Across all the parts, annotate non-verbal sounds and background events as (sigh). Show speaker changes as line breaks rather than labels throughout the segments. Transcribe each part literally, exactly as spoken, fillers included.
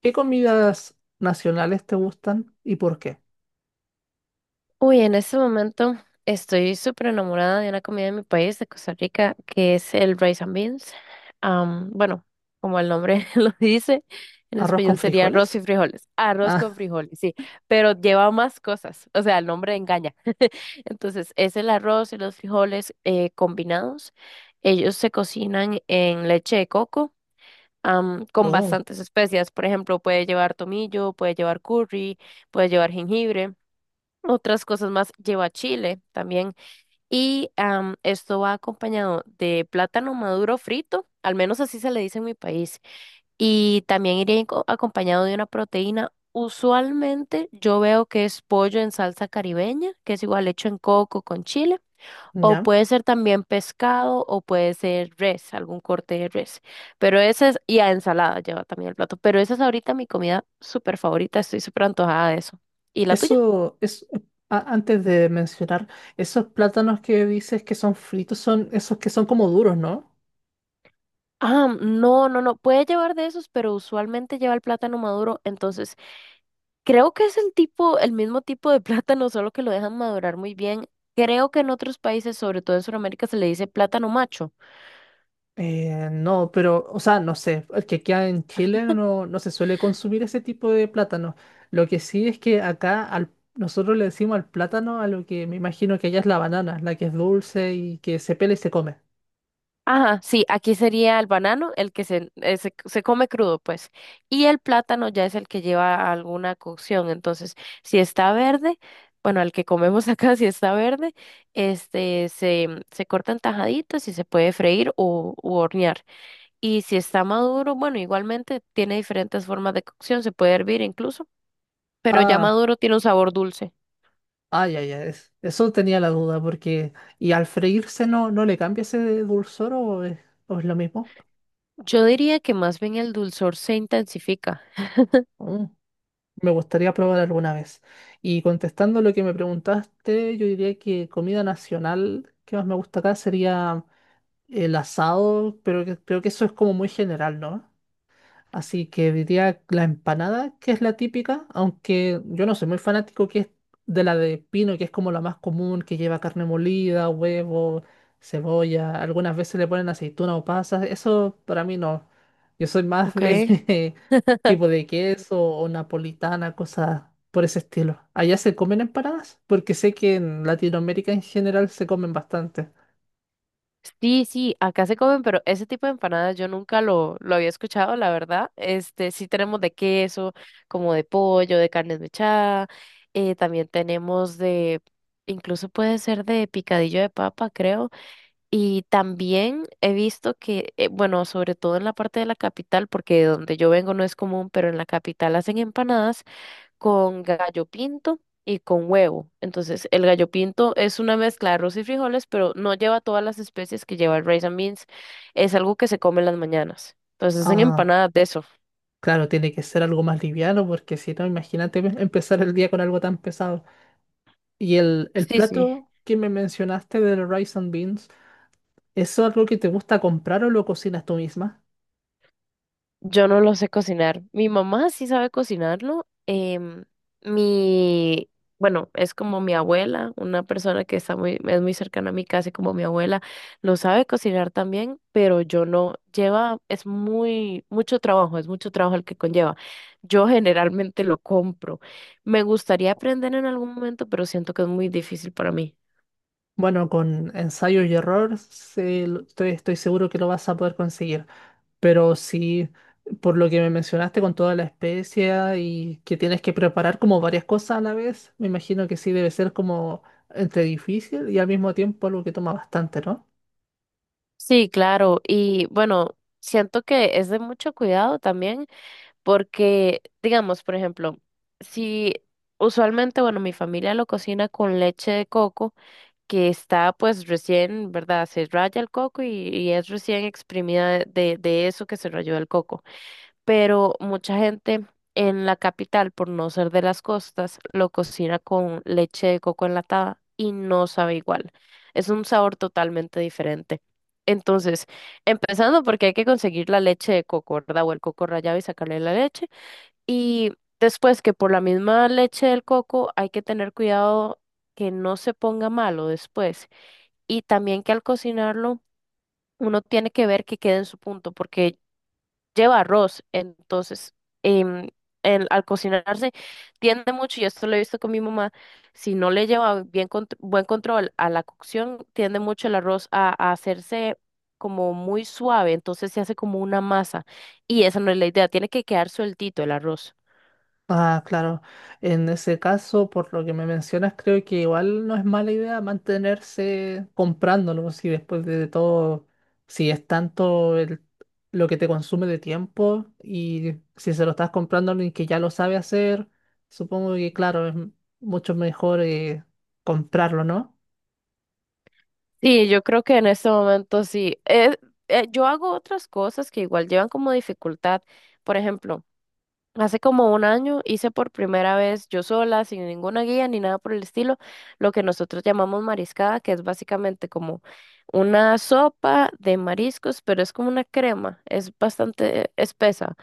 ¿Qué comidas nacionales te gustan y por qué?
Uy, en este momento estoy súper enamorada de una comida de mi país, de Costa Rica, que es el rice and beans. Am, bueno, como el nombre (laughs) lo dice, en
¿Arroz con
español sería arroz y
frijoles?
frijoles. Arroz con
Ah,
frijoles, sí, pero lleva más cosas, o sea, el nombre engaña. (laughs) Entonces, es el arroz y los frijoles eh, combinados. Ellos se cocinan en leche de coco. Am,
(laughs)
con
oh,
bastantes especias, por ejemplo, puede llevar tomillo, puede llevar curry, puede llevar jengibre. Otras cosas más lleva chile también. Y am, esto va acompañado de plátano maduro frito, al menos así se le dice en mi país. Y también iría inco- acompañado de una proteína. Usualmente yo veo que es pollo en salsa caribeña, que es igual hecho en coco con chile. O
ya.
puede ser también pescado o puede ser res, algún corte de res. Pero esa es, y a ensalada lleva también el plato. Pero esa es ahorita mi comida súper favorita, estoy súper antojada de eso. ¿Y la tuya?
Eso es, a- antes de mencionar, esos plátanos que dices que son fritos son esos que son como duros, ¿no?
Ah, no, no, no, puede llevar de esos, pero usualmente lleva el plátano maduro, entonces creo que es el tipo, el mismo tipo de (laughs) plátano, solo que lo dejan madurar muy bien. Creo que en otros países, sobre todo en Sudamérica, se le dice plátano macho.
Eh, no, pero, o sea, no sé, el que queda en Chile no, no se suele consumir ese tipo de plátano. Lo que sí es que acá al, nosotros le decimos al plátano a lo que me imagino que allá es la banana, la que es dulce y que se pela y se come.
Ajá, sí, aquí sería el banano, el que se, eh, se, se come crudo, pues. Y el plátano ya es el que lleva alguna cocción, entonces, si está verde, bueno, el que comemos acá, (laughs) si está verde, este, se, se cortan tajaditas y se puede freír o u hornear. Y si está maduro, bueno, igualmente tiene diferentes formas de cocción, se puede hervir incluso, pero ya
Ah.
maduro tiene un sabor dulce.
Ay, ay, ay. es- Eso tenía la duda, porque. ¿Y al freírse no, no le cambia ese dulzor o es, o es lo mismo?
Yo diría que más bien el dulzor se intensifica.
Mm, me gustaría probar alguna vez. Y contestando lo que me preguntaste, yo diría que comida nacional que más me gusta acá sería el asado, pero que- creo que eso es como muy general, ¿no? Así que diría la empanada, que es la típica, aunque yo no soy muy fanático, que es de la de pino, que es como la más común, que lleva carne molida, huevo, cebolla, algunas veces le ponen aceituna o pasas, eso para mí no. Yo soy más
Ok.
de (laughs) tipo de queso o napolitana, cosas por ese estilo. ¿Allá se comen empanadas? Porque sé que en Latinoamérica en general se comen bastante.
Sí, sí, acá se comen, pero ese tipo de empanadas yo nunca lo, lo había escuchado, la verdad. Este, sí tenemos de queso, como de pollo, de carne desmechada, eh, también tenemos de, incluso puede ser de picadillo de papa, creo. Y también he visto que, eh, bueno, sobre todo en la parte de la capital, porque de donde yo vengo no es común, pero en la capital hacen empanadas con gallo pinto y con huevo. Entonces, el gallo pinto es una mezcla de arroz y frijoles, pero no lleva todas las especies que lleva el rice and beans. Es algo que se come en las mañanas. Entonces, hacen
Ah,
empanadas de eso.
claro, tiene que ser algo más liviano, porque si no, imagínate (laughs) empezar el día con algo tan pesado. Y el, el
Sí, sí.
plato que me mencionaste del rice and beans, ¿eso es algo que te gusta comprar o lo cocinas tú misma?
Yo no lo sé cocinar. Mi mamá sí sabe cocinarlo. em, mi, bueno, es como mi abuela, una persona que está muy, es muy cercana a mí, casi como mi abuela, lo sabe cocinar también, pero yo no. Lleva, es muy, mucho trabajo, es mucho trabajo el que conlleva. Yo generalmente lo compro. Me gustaría aprender en algún momento, pero siento que es muy difícil para mí.
Bueno, con ensayo y error se lo- estoy, estoy seguro que lo vas a poder conseguir, pero si por lo que me mencionaste con toda la especia y que tienes que preparar como varias cosas a la vez, me imagino que sí debe ser como entre difícil y al mismo tiempo algo que toma bastante, ¿no?
Sí, claro. Y bueno, siento que es de mucho cuidado también. Porque, digamos, por ejemplo, si usualmente, bueno, mi familia lo cocina con leche de coco, que está pues recién, ¿verdad? Se raya el coco y, y es recién exprimida de, de eso que se rayó el coco. Pero mucha gente en la capital, por no ser de las costas, lo cocina con leche de coco enlatada y no sabe igual. Es un sabor totalmente diferente. Entonces, empezando porque hay que conseguir la leche de coco, ¿verdad? O el coco rallado y sacarle la leche. Y después que por la misma leche del coco hay que tener cuidado que no se ponga malo después. Y también que al cocinarlo uno tiene que ver que quede en su punto porque lleva arroz. Entonces, em, el- al cocinarse tiende mucho, y esto lo he visto con mi mamá, si no le lleva bien contr- buen control a la cocción, tiende mucho el arroz a, a hacerse como muy suave. Entonces se hace como una masa. Y esa no es la idea, tiene que quedar sueltito el arroz.
Ah, claro. En ese caso, por lo que me mencionas, creo que igual no es mala idea mantenerse comprándolo, si después de todo, si es tanto el- lo que te consume de tiempo y si se lo estás comprando a alguien que ya lo sabe hacer, supongo que claro, es m- mucho mejor, eh, comprarlo, ¿no?
Sí, yo creo que en este momento sí. Es- eh, yo hago otras cosas que igual llevan como dificultad. Por ejemplo, hace como un año hice por primera vez yo sola, sin ninguna guía ni nada por el estilo, lo que nosotros llamamos mariscada, que es básicamente como una sopa de mariscos, pero es como una crema, es bastante espesa.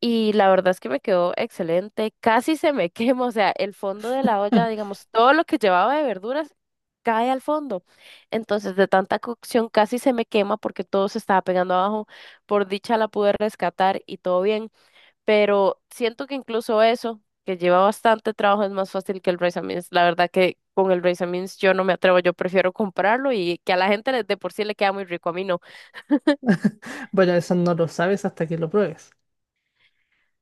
Y la verdad es que me quedó excelente. Casi se me (laughs) quema, o sea, el fondo de la olla,
(laughs)
digamos, todo lo que llevaba de verduras cae al fondo. Entonces, de tanta cocción casi se me quema porque todo se estaba pegando abajo. Por dicha la pude rescatar y todo bien. Pero siento que incluso eso, que lleva bastante trabajo, es más fácil que el rice and beans. La verdad que con el rice and beans yo no me atrevo, yo prefiero comprarlo y que a la gente le- de por sí le queda muy rico, a mí no.
Bueno, eso no lo sabes hasta que lo pruebes.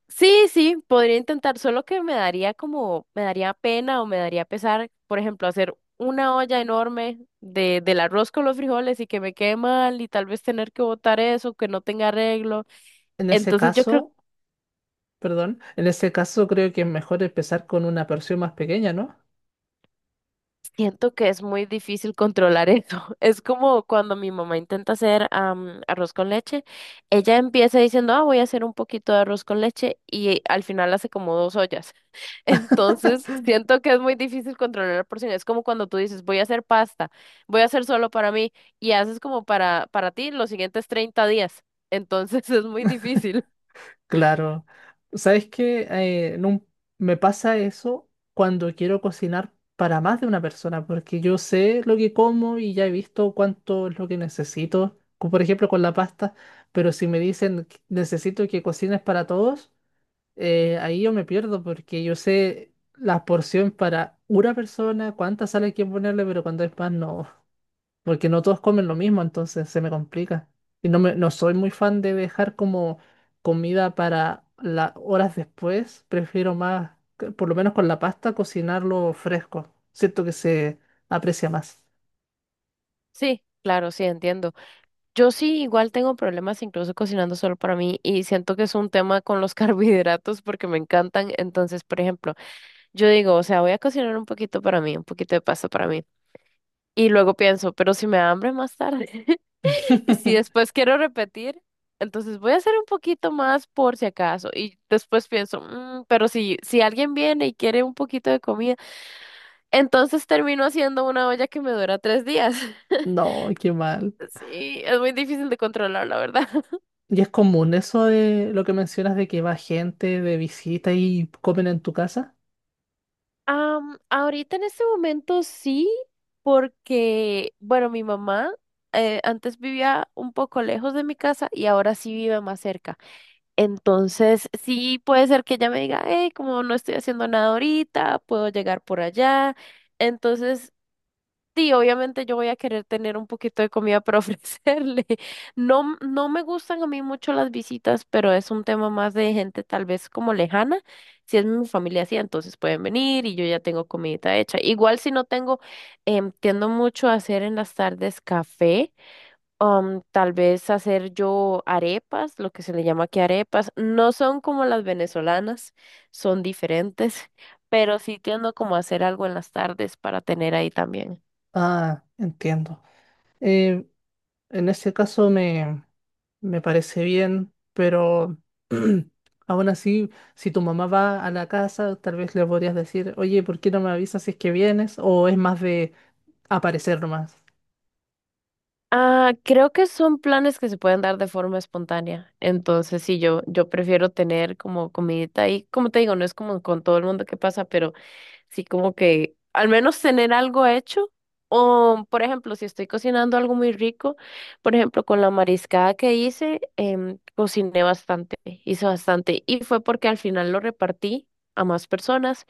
Sí, sí, podría intentar, solo que me daría como, me daría pena o me daría pesar, por ejemplo, hacer una olla enorme de, del arroz con los frijoles y que me quede mal y tal vez tener que botar eso, que no tenga arreglo.
En ese
Entonces yo creo,
caso, perdón, en ese caso creo que es mejor empezar con una porción más pequeña, ¿no?
Siento que es muy difícil controlar eso. (laughs) Es como cuando mi mamá intenta hacer am, arroz con leche, ella empieza diciendo, ah, voy a hacer un poquito de arroz con leche y al final hace como dos ollas. Entonces, siento que es muy difícil controlar la porción. Es como cuando tú dices, voy a hacer pasta, voy a hacer solo para mí, y haces como para, para ti los siguientes treinta días. Entonces, (laughs) es muy difícil.
Claro, ¿sabes qué? Eh, en un- me pasa eso cuando quiero cocinar para más de una persona, porque yo sé lo que como y ya he visto cuánto es lo que necesito, como por ejemplo con la pasta, pero si me dicen que necesito que cocines para todos, eh, ahí yo me pierdo porque yo sé la porción para una persona, cuánta sal hay que ponerle, pero cuando es más no, porque no todos comen lo mismo, entonces se me complica. Y no me, no soy muy fan de dejar como comida para las horas después, prefiero más, que por lo menos con la pasta, cocinarlo fresco. Siento que se aprecia más.
Sí, claro, sí, entiendo. Yo sí igual tengo problemas incluso cocinando solo para mí y siento que es un tema con los (laughs) carbohidratos porque me encantan. Entonces, por ejemplo, yo digo, o sea, voy a cocinar un poquito para mí, un poquito de pasta para mí. Y luego pienso, pero si me da hambre más tarde. Y si
(laughs)
después quiero repetir, entonces voy a hacer un poquito más por si acaso. Y después pienso, "Mm, pero si, si alguien viene y quiere un poquito de comida, entonces termino haciendo una olla que me dura tres días. (laughs)
No, qué mal.
Sí, es muy difícil de controlar, la verdad. (laughs)
¿Y es común eso de lo que mencionas de que va gente de visita y comen en tu casa?
Am, ahorita en este momento sí, porque, bueno, mi mamá eh, antes vivía un poco lejos de mi casa y ahora sí vive más cerca. Entonces, sí puede ser que ella me diga, hey, como no estoy haciendo nada ahorita, puedo llegar por allá. Entonces, sí, obviamente yo voy a querer tener un poquito de comida para (laughs) ofrecerle. No, m- no me gustan a mí mucho las visitas, pero es un tema más de gente tal vez como lejana. Si es mi familia así, entonces pueden venir y yo ya tengo comidita hecha. Igual si no tengo, em, tiendo mucho a hacer en las tardes café um, tal vez hacer yo arepas, lo que se le llama aquí arepas. No son como las venezolanas, son diferentes, (laughs) pero sí tiendo como a hacer algo en las tardes para tener ahí también.
Ah, entiendo. Eh, En ese caso me, me parece bien, pero (clears throat) aún así, si tu mamá va a la casa, tal vez le podrías decir, oye, ¿por qué no me avisas si es que vienes? ¿O es más de aparecer nomás?
Ah, creo que son planes que se pueden dar de forma espontánea. Entonces, sí, yo, yo prefiero tener como comidita ahí. Como te digo, no es como con todo el mundo que pasa, pero sí, como que al menos tener algo hecho. O, por ejemplo, si estoy cocinando algo muy rico, por ejemplo, con la mariscada que hice, em, cociné bastante, hice bastante. Y fue porque al final lo repartí a más personas,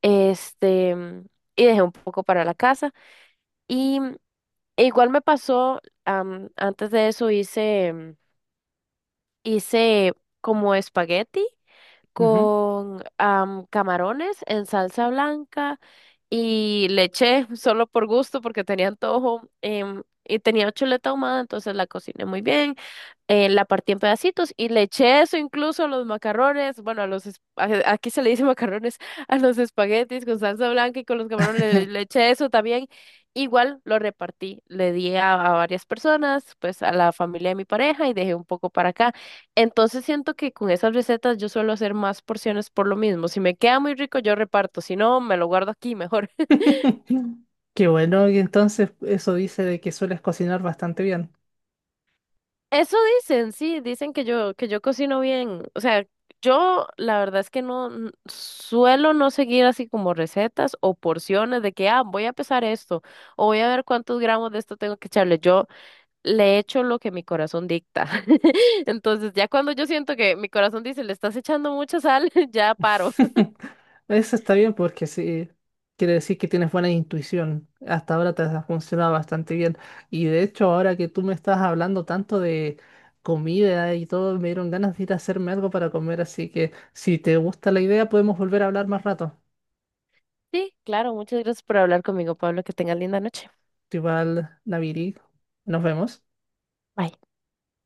este, em, y dejé un poco para la casa. Y mm, e igual me pasó, am, antes de eso hice, em, hice como espagueti
Ujú.
con am, camarones en salsa blanca y le eché (laughs) solo por gusto porque tenía antojo em, y tenía chuleta ahumada, entonces la cociné muy bien, eh, la partí en pedacitos y le eché eso incluso a los macarrones, bueno, a los, es- a- aquí se le dice macarrones, (laughs) a los espaguetis con salsa blanca y con los camarones le, le eché eso también. Igual lo repartí, le di a, a varias personas, pues a la familia de mi pareja y dejé un poco para acá. Entonces siento que con esas recetas yo suelo hacer más porciones por lo mismo. Si me queda muy rico, yo reparto. Si no, me lo guardo aquí mejor.
(laughs) Qué bueno, y entonces eso dice de que sueles cocinar bastante bien.
(laughs) Eso dicen, sí, dicen que yo, que yo cocino bien. O sea, yo la verdad es que no n- suelo no seguir así como recetas o porciones de que, ah, voy a pesar esto o voy a ver cuántos gramos de esto tengo que echarle. Yo le echo lo que mi corazón dicta. (laughs) Entonces, ya cuando yo siento que mi corazón dice, le estás echando mucha sal, (laughs) ya paro.
(laughs) Eso está bien porque sí, quiere decir que tienes buena intuición. Hasta ahora te ha funcionado bastante bien. Y de hecho, ahora que tú me estás hablando tanto de comida y todo, me dieron ganas de ir a hacerme algo para comer. Así que si te gusta la idea, podemos volver a hablar más rato.
Sí, claro, muchas gracias por hablar conmigo, Pablo. Que tengas linda noche.
Igual, Naviri, nos vemos.
Bye.